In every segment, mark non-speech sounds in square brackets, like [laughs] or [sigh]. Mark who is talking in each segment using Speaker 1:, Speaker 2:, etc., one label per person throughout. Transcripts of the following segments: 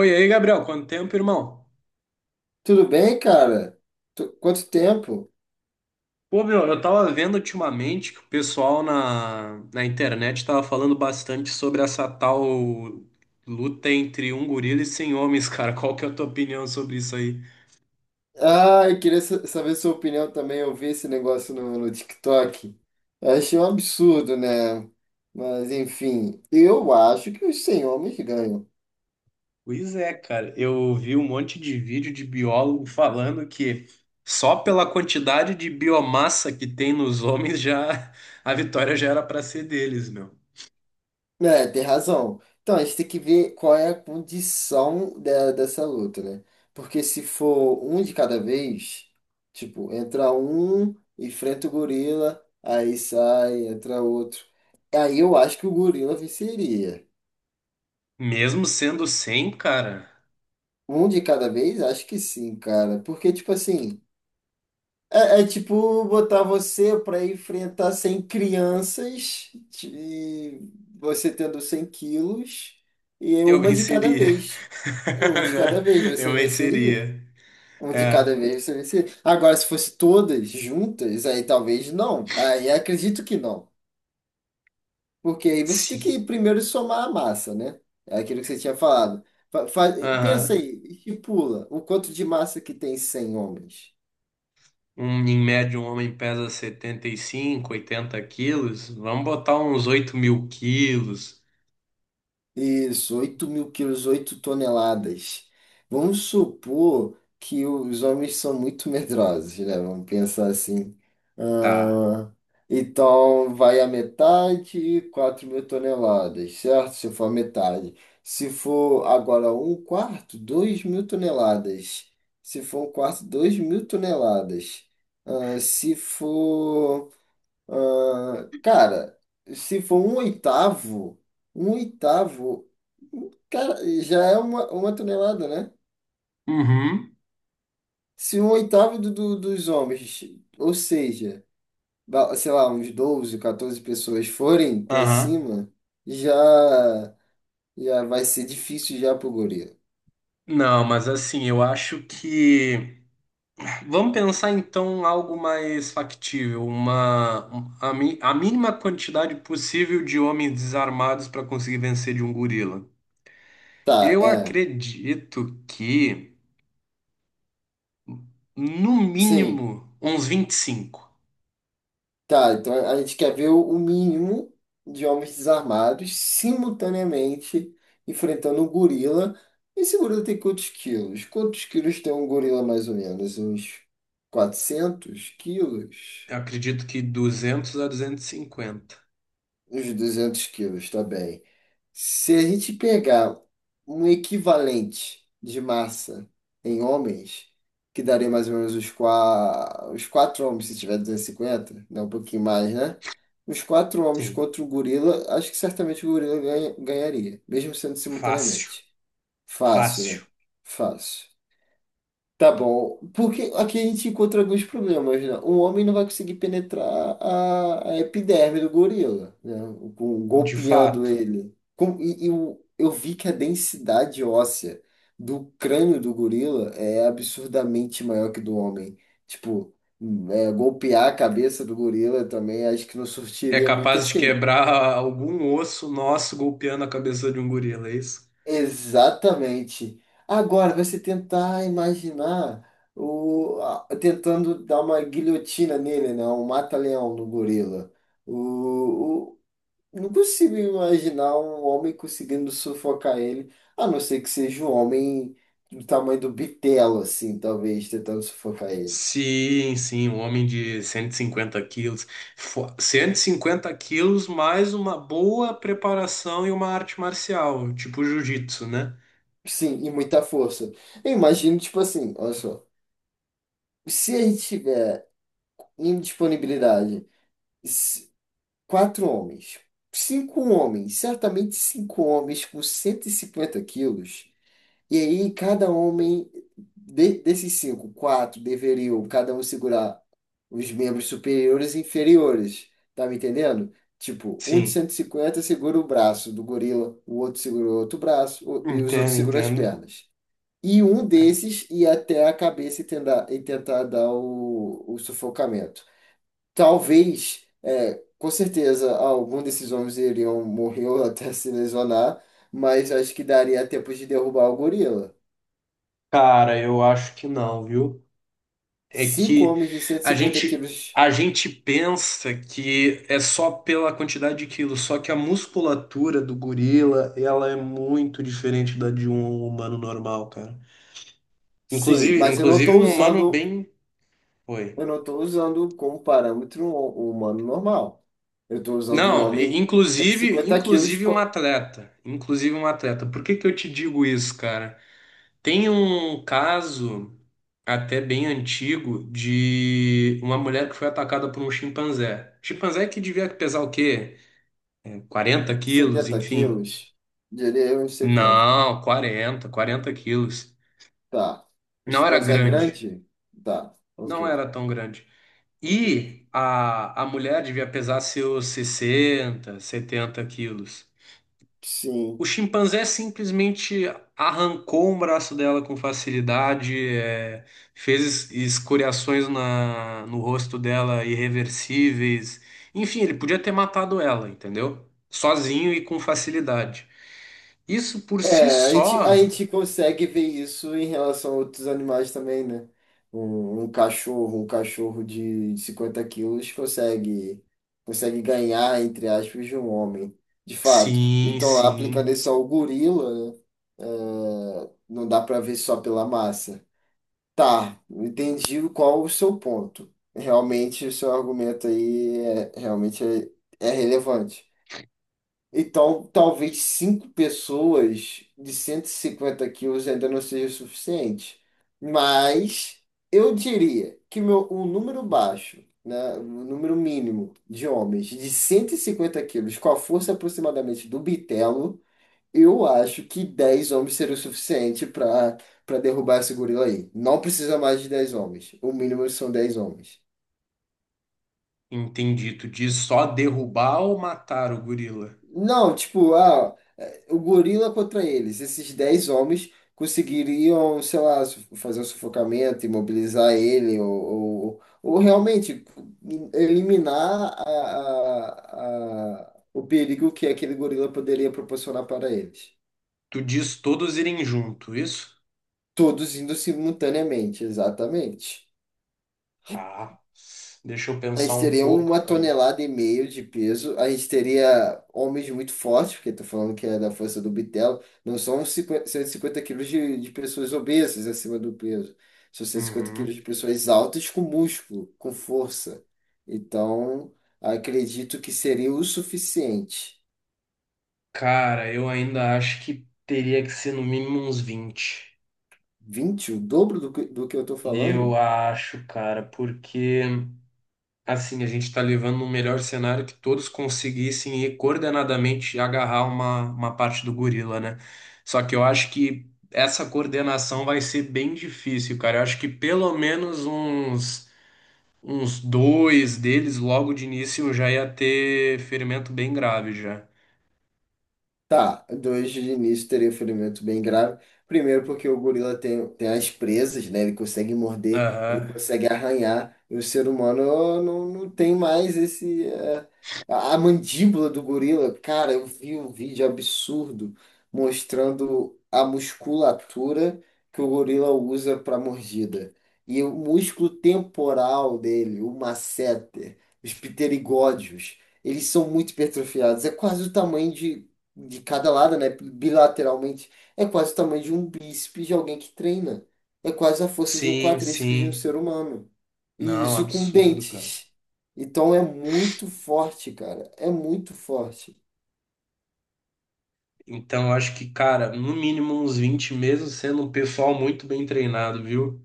Speaker 1: Oi, aí, Gabriel, quanto tempo, irmão?
Speaker 2: Tudo bem, cara? Quanto tempo?
Speaker 1: Pô, meu, eu tava vendo ultimamente que o pessoal na internet tava falando bastante sobre essa tal luta entre um gorila e 100 homens, [laughs] cara. Qual que é a tua opinião sobre isso aí?
Speaker 2: Ah, eu queria saber sua opinião também. Eu vi esse negócio no TikTok. Eu achei um absurdo, né? Mas, enfim, eu acho que os 100 homens ganham.
Speaker 1: Pois é, cara, eu vi um monte de vídeo de biólogo falando que só pela quantidade de biomassa que tem nos homens já [laughs] a vitória já era pra ser deles, meu.
Speaker 2: É, tem razão. Então, a gente tem que ver qual é a condição dessa luta, né? Porque se for um de cada vez, tipo, entra um, enfrenta o gorila, aí sai, entra outro. Aí eu acho que o gorila venceria.
Speaker 1: Mesmo sendo 100, cara.
Speaker 2: Um de cada vez? Acho que sim, cara. Porque, tipo assim, é tipo botar você pra enfrentar 100 crianças, e você tendo 100 quilos, e
Speaker 1: Eu
Speaker 2: uma de cada
Speaker 1: venceria.
Speaker 2: vez. Um de cada vez
Speaker 1: [laughs]
Speaker 2: você
Speaker 1: Eu
Speaker 2: venceria.
Speaker 1: venceria.
Speaker 2: Um de
Speaker 1: É.
Speaker 2: cada vez você venceria. Agora, se fosse todas juntas, aí talvez não. Aí acredito que não. Porque aí você tem que
Speaker 1: Sim.
Speaker 2: primeiro somar a massa, né? É aquilo que você tinha falado. Fa- fa- Pensa
Speaker 1: Aham.
Speaker 2: aí, estipula o quanto de massa que tem 100 homens.
Speaker 1: Um, em média, um homem pesa 75 80 quilos. Vamos botar uns 8 mil quilos.
Speaker 2: Isso, 8.000 quilos, 8 toneladas. Vamos supor que os homens são muito medrosos, né? Vamos pensar assim.
Speaker 1: Tá.
Speaker 2: Ah, então, vai a metade, 4.000 toneladas, certo? Se for a metade. Se for agora um quarto, 2.000 toneladas. Se for um quarto, 2.000 toneladas. Ah, se for. ah, cara, Se for um oitavo. Um oitavo. Cara, já é uma tonelada, né?
Speaker 1: Uhum.
Speaker 2: Se um oitavo dos homens, ou seja, sei lá, uns 12 14 pessoas forem pra
Speaker 1: Aham.
Speaker 2: cima, já, já vai ser difícil já pro gorila.
Speaker 1: Não, mas assim, eu acho que. Vamos pensar então algo mais factível. Uma. Um- A, mi- a mínima quantidade possível de homens desarmados para conseguir vencer de um gorila.
Speaker 2: Tá,
Speaker 1: Eu
Speaker 2: é.
Speaker 1: acredito que. No
Speaker 2: Sim,
Speaker 1: mínimo, uns 25.
Speaker 2: tá. Então a gente quer ver o mínimo de homens desarmados simultaneamente enfrentando um gorila. Esse gorila tem quantos quilos? Quantos quilos tem um gorila mais ou menos? Uns 400 quilos?
Speaker 1: Eu acredito que 200 a 250.
Speaker 2: Uns 200 quilos, tá bem. Se a gente pegar um equivalente de massa em homens, que daria mais ou menos os quatro homens, se tiver 250, né? Um pouquinho mais, né? Os quatro homens
Speaker 1: Sim,
Speaker 2: contra o gorila, acho que certamente o gorila ganharia, mesmo sendo
Speaker 1: fácil,
Speaker 2: simultaneamente. Fácil,
Speaker 1: fácil,
Speaker 2: né? Fácil. Tá bom. Porque aqui a gente encontra alguns problemas, né? Um homem não vai conseguir penetrar a epiderme do gorila, né?
Speaker 1: de
Speaker 2: Golpeando
Speaker 1: fato.
Speaker 2: ele. Eu vi que a densidade óssea do crânio do gorila é absurdamente maior que do homem. Tipo, é, golpear a cabeça do gorila também acho que não
Speaker 1: É
Speaker 2: surtiria muito
Speaker 1: capaz de
Speaker 2: efeito.
Speaker 1: quebrar algum osso nosso golpeando a cabeça de um gorila, é isso?
Speaker 2: Exatamente. Agora, você tentar imaginar tentando dar uma guilhotina nele, né? Um mata-leão no gorila. O, o- não consigo imaginar um homem conseguindo sufocar ele, a não ser que seja um homem do tamanho do bitelo, assim, talvez, tentando sufocar ele.
Speaker 1: Sim, sim, um homem de 150 quilos. 150 quilos mais uma boa preparação e uma arte marcial, tipo jiu-jitsu, né?
Speaker 2: Sim, e muita força. Eu imagino, tipo assim, olha só, se a gente tiver indisponibilidade. Quatro homens. Cinco homens, certamente cinco homens com 150 quilos. E aí, cada homem desses cinco, quatro deveriam cada um segurar os membros superiores e inferiores. Tá me entendendo? Tipo, um de
Speaker 1: Sim,
Speaker 2: 150 segura o braço do gorila, o outro segura o outro braço e os outros
Speaker 1: entendo,
Speaker 2: seguram as
Speaker 1: entendo.
Speaker 2: pernas. E um desses ia até a cabeça e tentar dar o sufocamento. Talvez, é, com certeza, algum desses homens iriam morrer ou até se lesionar, mas acho que daria tempo de derrubar o gorila.
Speaker 1: Cara, eu acho que não, viu? É
Speaker 2: Cinco
Speaker 1: que
Speaker 2: homens de cento e
Speaker 1: a
Speaker 2: cinquenta
Speaker 1: gente
Speaker 2: quilos,
Speaker 1: a gente pensa que é só pela quantidade de quilos, só que a musculatura do gorila, ela é muito diferente da de um humano normal, cara.
Speaker 2: sim,
Speaker 1: Inclusive,
Speaker 2: mas
Speaker 1: inclusive um humano bem, oi.
Speaker 2: eu não estou usando como parâmetro o humano normal. Eu estou usando um
Speaker 1: Não, e-
Speaker 2: homem de cento e
Speaker 1: inclusive,
Speaker 2: cinquenta quilos,
Speaker 1: inclusive um atleta, inclusive um atleta. Por que que eu te digo isso, cara? Tem um caso até bem antigo de uma mulher que foi atacada por um chimpanzé. Chimpanzé que devia pesar o quê? 40 quilos,
Speaker 2: 70
Speaker 1: enfim.
Speaker 2: quilos, diria eu, uns 70.
Speaker 1: Não, 40, 40 quilos.
Speaker 2: Tá. O
Speaker 1: Não era
Speaker 2: chimpanzé é
Speaker 1: grande.
Speaker 2: grande? Tá,
Speaker 1: Não
Speaker 2: ok,
Speaker 1: era tão grande.
Speaker 2: ok.
Speaker 1: E a mulher devia pesar seus 60, 70 quilos. O
Speaker 2: Sim.
Speaker 1: chimpanzé simplesmente arrancou um braço dela com facilidade, é, fez escoriações no rosto dela irreversíveis. Enfim, ele podia ter matado ela, entendeu? Sozinho e com facilidade. Isso por si
Speaker 2: É, a
Speaker 1: só.
Speaker 2: gente consegue ver isso em relação a outros animais também, né? Um cachorro, de, 50 quilos consegue ganhar, entre aspas, de um homem, de fato.
Speaker 1: Sim,
Speaker 2: Então, aplicando
Speaker 1: sim,
Speaker 2: isso ao gorila, né? É, não dá para ver só pela massa. Tá, entendi qual o seu ponto. Realmente, o seu argumento aí é, realmente é relevante. Então, talvez cinco pessoas de 150 quilos ainda não seja suficiente. Mas eu diria que um número baixo, né, um número mínimo de homens de 150 quilos, com a força aproximadamente do bitelo, eu acho que 10 homens seria o suficiente para derrubar esse gorila aí. Não precisa mais de 10 homens. O mínimo são 10 homens.
Speaker 1: entendi. Tu diz só derrubar ou matar o gorila?
Speaker 2: Não, tipo, ah, o gorila contra eles, esses 10 homens conseguiriam, sei lá, fazer um sufocamento, imobilizar ele, ou realmente eliminar o perigo que aquele gorila poderia proporcionar para eles.
Speaker 1: Tu diz todos irem junto, isso?
Speaker 2: Todos indo simultaneamente, exatamente.
Speaker 1: Ah, deixa eu
Speaker 2: A
Speaker 1: pensar
Speaker 2: gente
Speaker 1: um
Speaker 2: teria uma
Speaker 1: pouco, cara.
Speaker 2: tonelada e meio de peso. A gente teria homens muito fortes, porque tô falando que é da força do bitelo. Não são cinquenta 150 quilos de pessoas obesas acima do peso. São 150 quilos
Speaker 1: Uhum.
Speaker 2: de pessoas altas com músculo, com força. Então, acredito que seria o suficiente.
Speaker 1: Cara, eu ainda acho que teria que ser no mínimo uns 20.
Speaker 2: Vinte o dobro do que eu tô falando?
Speaker 1: Eu acho, cara, porque assim, a gente está levando um melhor cenário que todos conseguissem ir coordenadamente agarrar uma parte do gorila, né? Só que eu acho que essa coordenação vai ser bem difícil, cara. Eu acho que pelo menos uns dois deles logo de início já ia ter ferimento bem grave já.
Speaker 2: Tá, dois de início teria um ferimento bem grave. Primeiro, porque o gorila tem as presas, né? Ele consegue morder, ele
Speaker 1: Aham.
Speaker 2: consegue arranhar. E o ser humano não tem mais esse. É, a mandíbula do gorila. Cara, eu vi um vídeo absurdo mostrando a musculatura que o gorila usa para mordida. E o músculo temporal dele, o masseter, os pterigódeos, eles são muito hipertrofiados. É quase o tamanho de cada lado, né? Bilateralmente. É quase o tamanho de um bíceps de alguém que treina. É quase a força de um
Speaker 1: Sim,
Speaker 2: quadríceps de um
Speaker 1: sim.
Speaker 2: ser humano. E
Speaker 1: Não,
Speaker 2: isso com
Speaker 1: absurdo, cara.
Speaker 2: dentes. Então é muito forte, cara. É muito forte.
Speaker 1: Então, eu acho que, cara, no mínimo uns 20 mesmo, sendo um pessoal muito bem treinado, viu?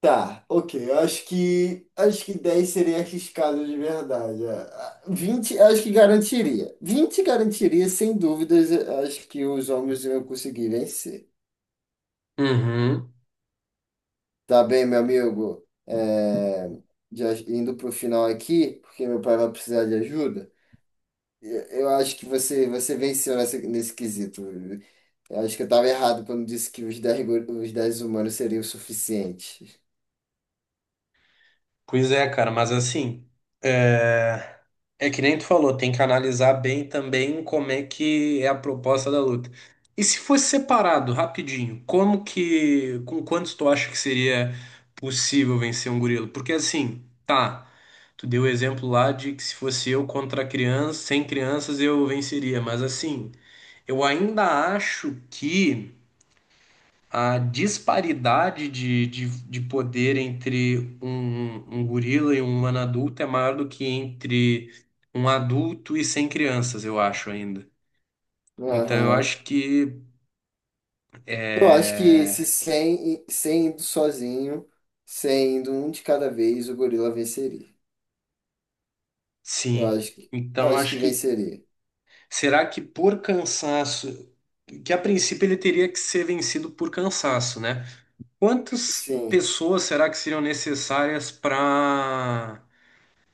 Speaker 2: Tá, ok. Eu acho que 10 seria arriscado de verdade. É. Ah, eu acho que garantiria. 20 garantiria, sem dúvidas, eu acho que os homens iam conseguir vencer.
Speaker 1: Uhum.
Speaker 2: Tá bem, meu amigo. É, já indo para o final aqui, porque meu pai vai precisar de ajuda. Eu acho que você venceu nesse quesito. Eu acho que eu estava errado quando disse que os 10 humanos seriam o suficiente.
Speaker 1: Pois é, cara, mas assim, é... é que nem tu falou, tem que analisar bem também como é que é a proposta da luta. E se fosse separado, rapidinho, como que, com quantos tu acha que seria possível vencer um gorila? Porque assim, tá, tu deu o exemplo lá de que se fosse eu contra criança, sem crianças eu venceria, mas assim, eu ainda acho que a disparidade de poder entre um gorila e um humano adulto é maior do que entre um adulto e 100 crianças, eu acho ainda. Então eu
Speaker 2: Aham.
Speaker 1: acho que
Speaker 2: Eu acho que se
Speaker 1: é,
Speaker 2: 100, 100 indo sozinho, 100 indo um de cada vez, o gorila venceria. Eu
Speaker 1: sim.
Speaker 2: acho que, eu
Speaker 1: Então eu
Speaker 2: acho que
Speaker 1: acho que
Speaker 2: venceria.
Speaker 1: será que por cansaço, que a princípio ele teria que ser vencido por cansaço, né? Quantas
Speaker 2: Sim.
Speaker 1: pessoas será que seriam necessárias para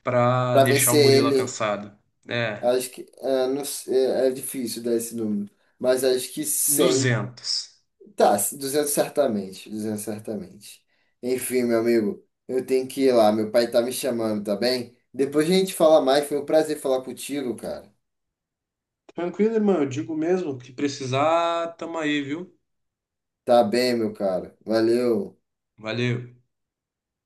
Speaker 2: Para
Speaker 1: deixar um
Speaker 2: vencer
Speaker 1: gorila
Speaker 2: ele.
Speaker 1: cansado? É.
Speaker 2: Acho que é, não sei, é difícil dar esse número, mas acho que 100.
Speaker 1: 200.
Speaker 2: Tá, 200 certamente, 200 certamente. Enfim, meu amigo, eu tenho que ir lá, meu pai tá me chamando, tá bem? Depois a gente fala mais, foi um prazer falar contigo, cara.
Speaker 1: Tranquilo, irmão. Eu digo mesmo que precisar, tamo aí, viu?
Speaker 2: Tá bem, meu cara. Valeu.
Speaker 1: Valeu.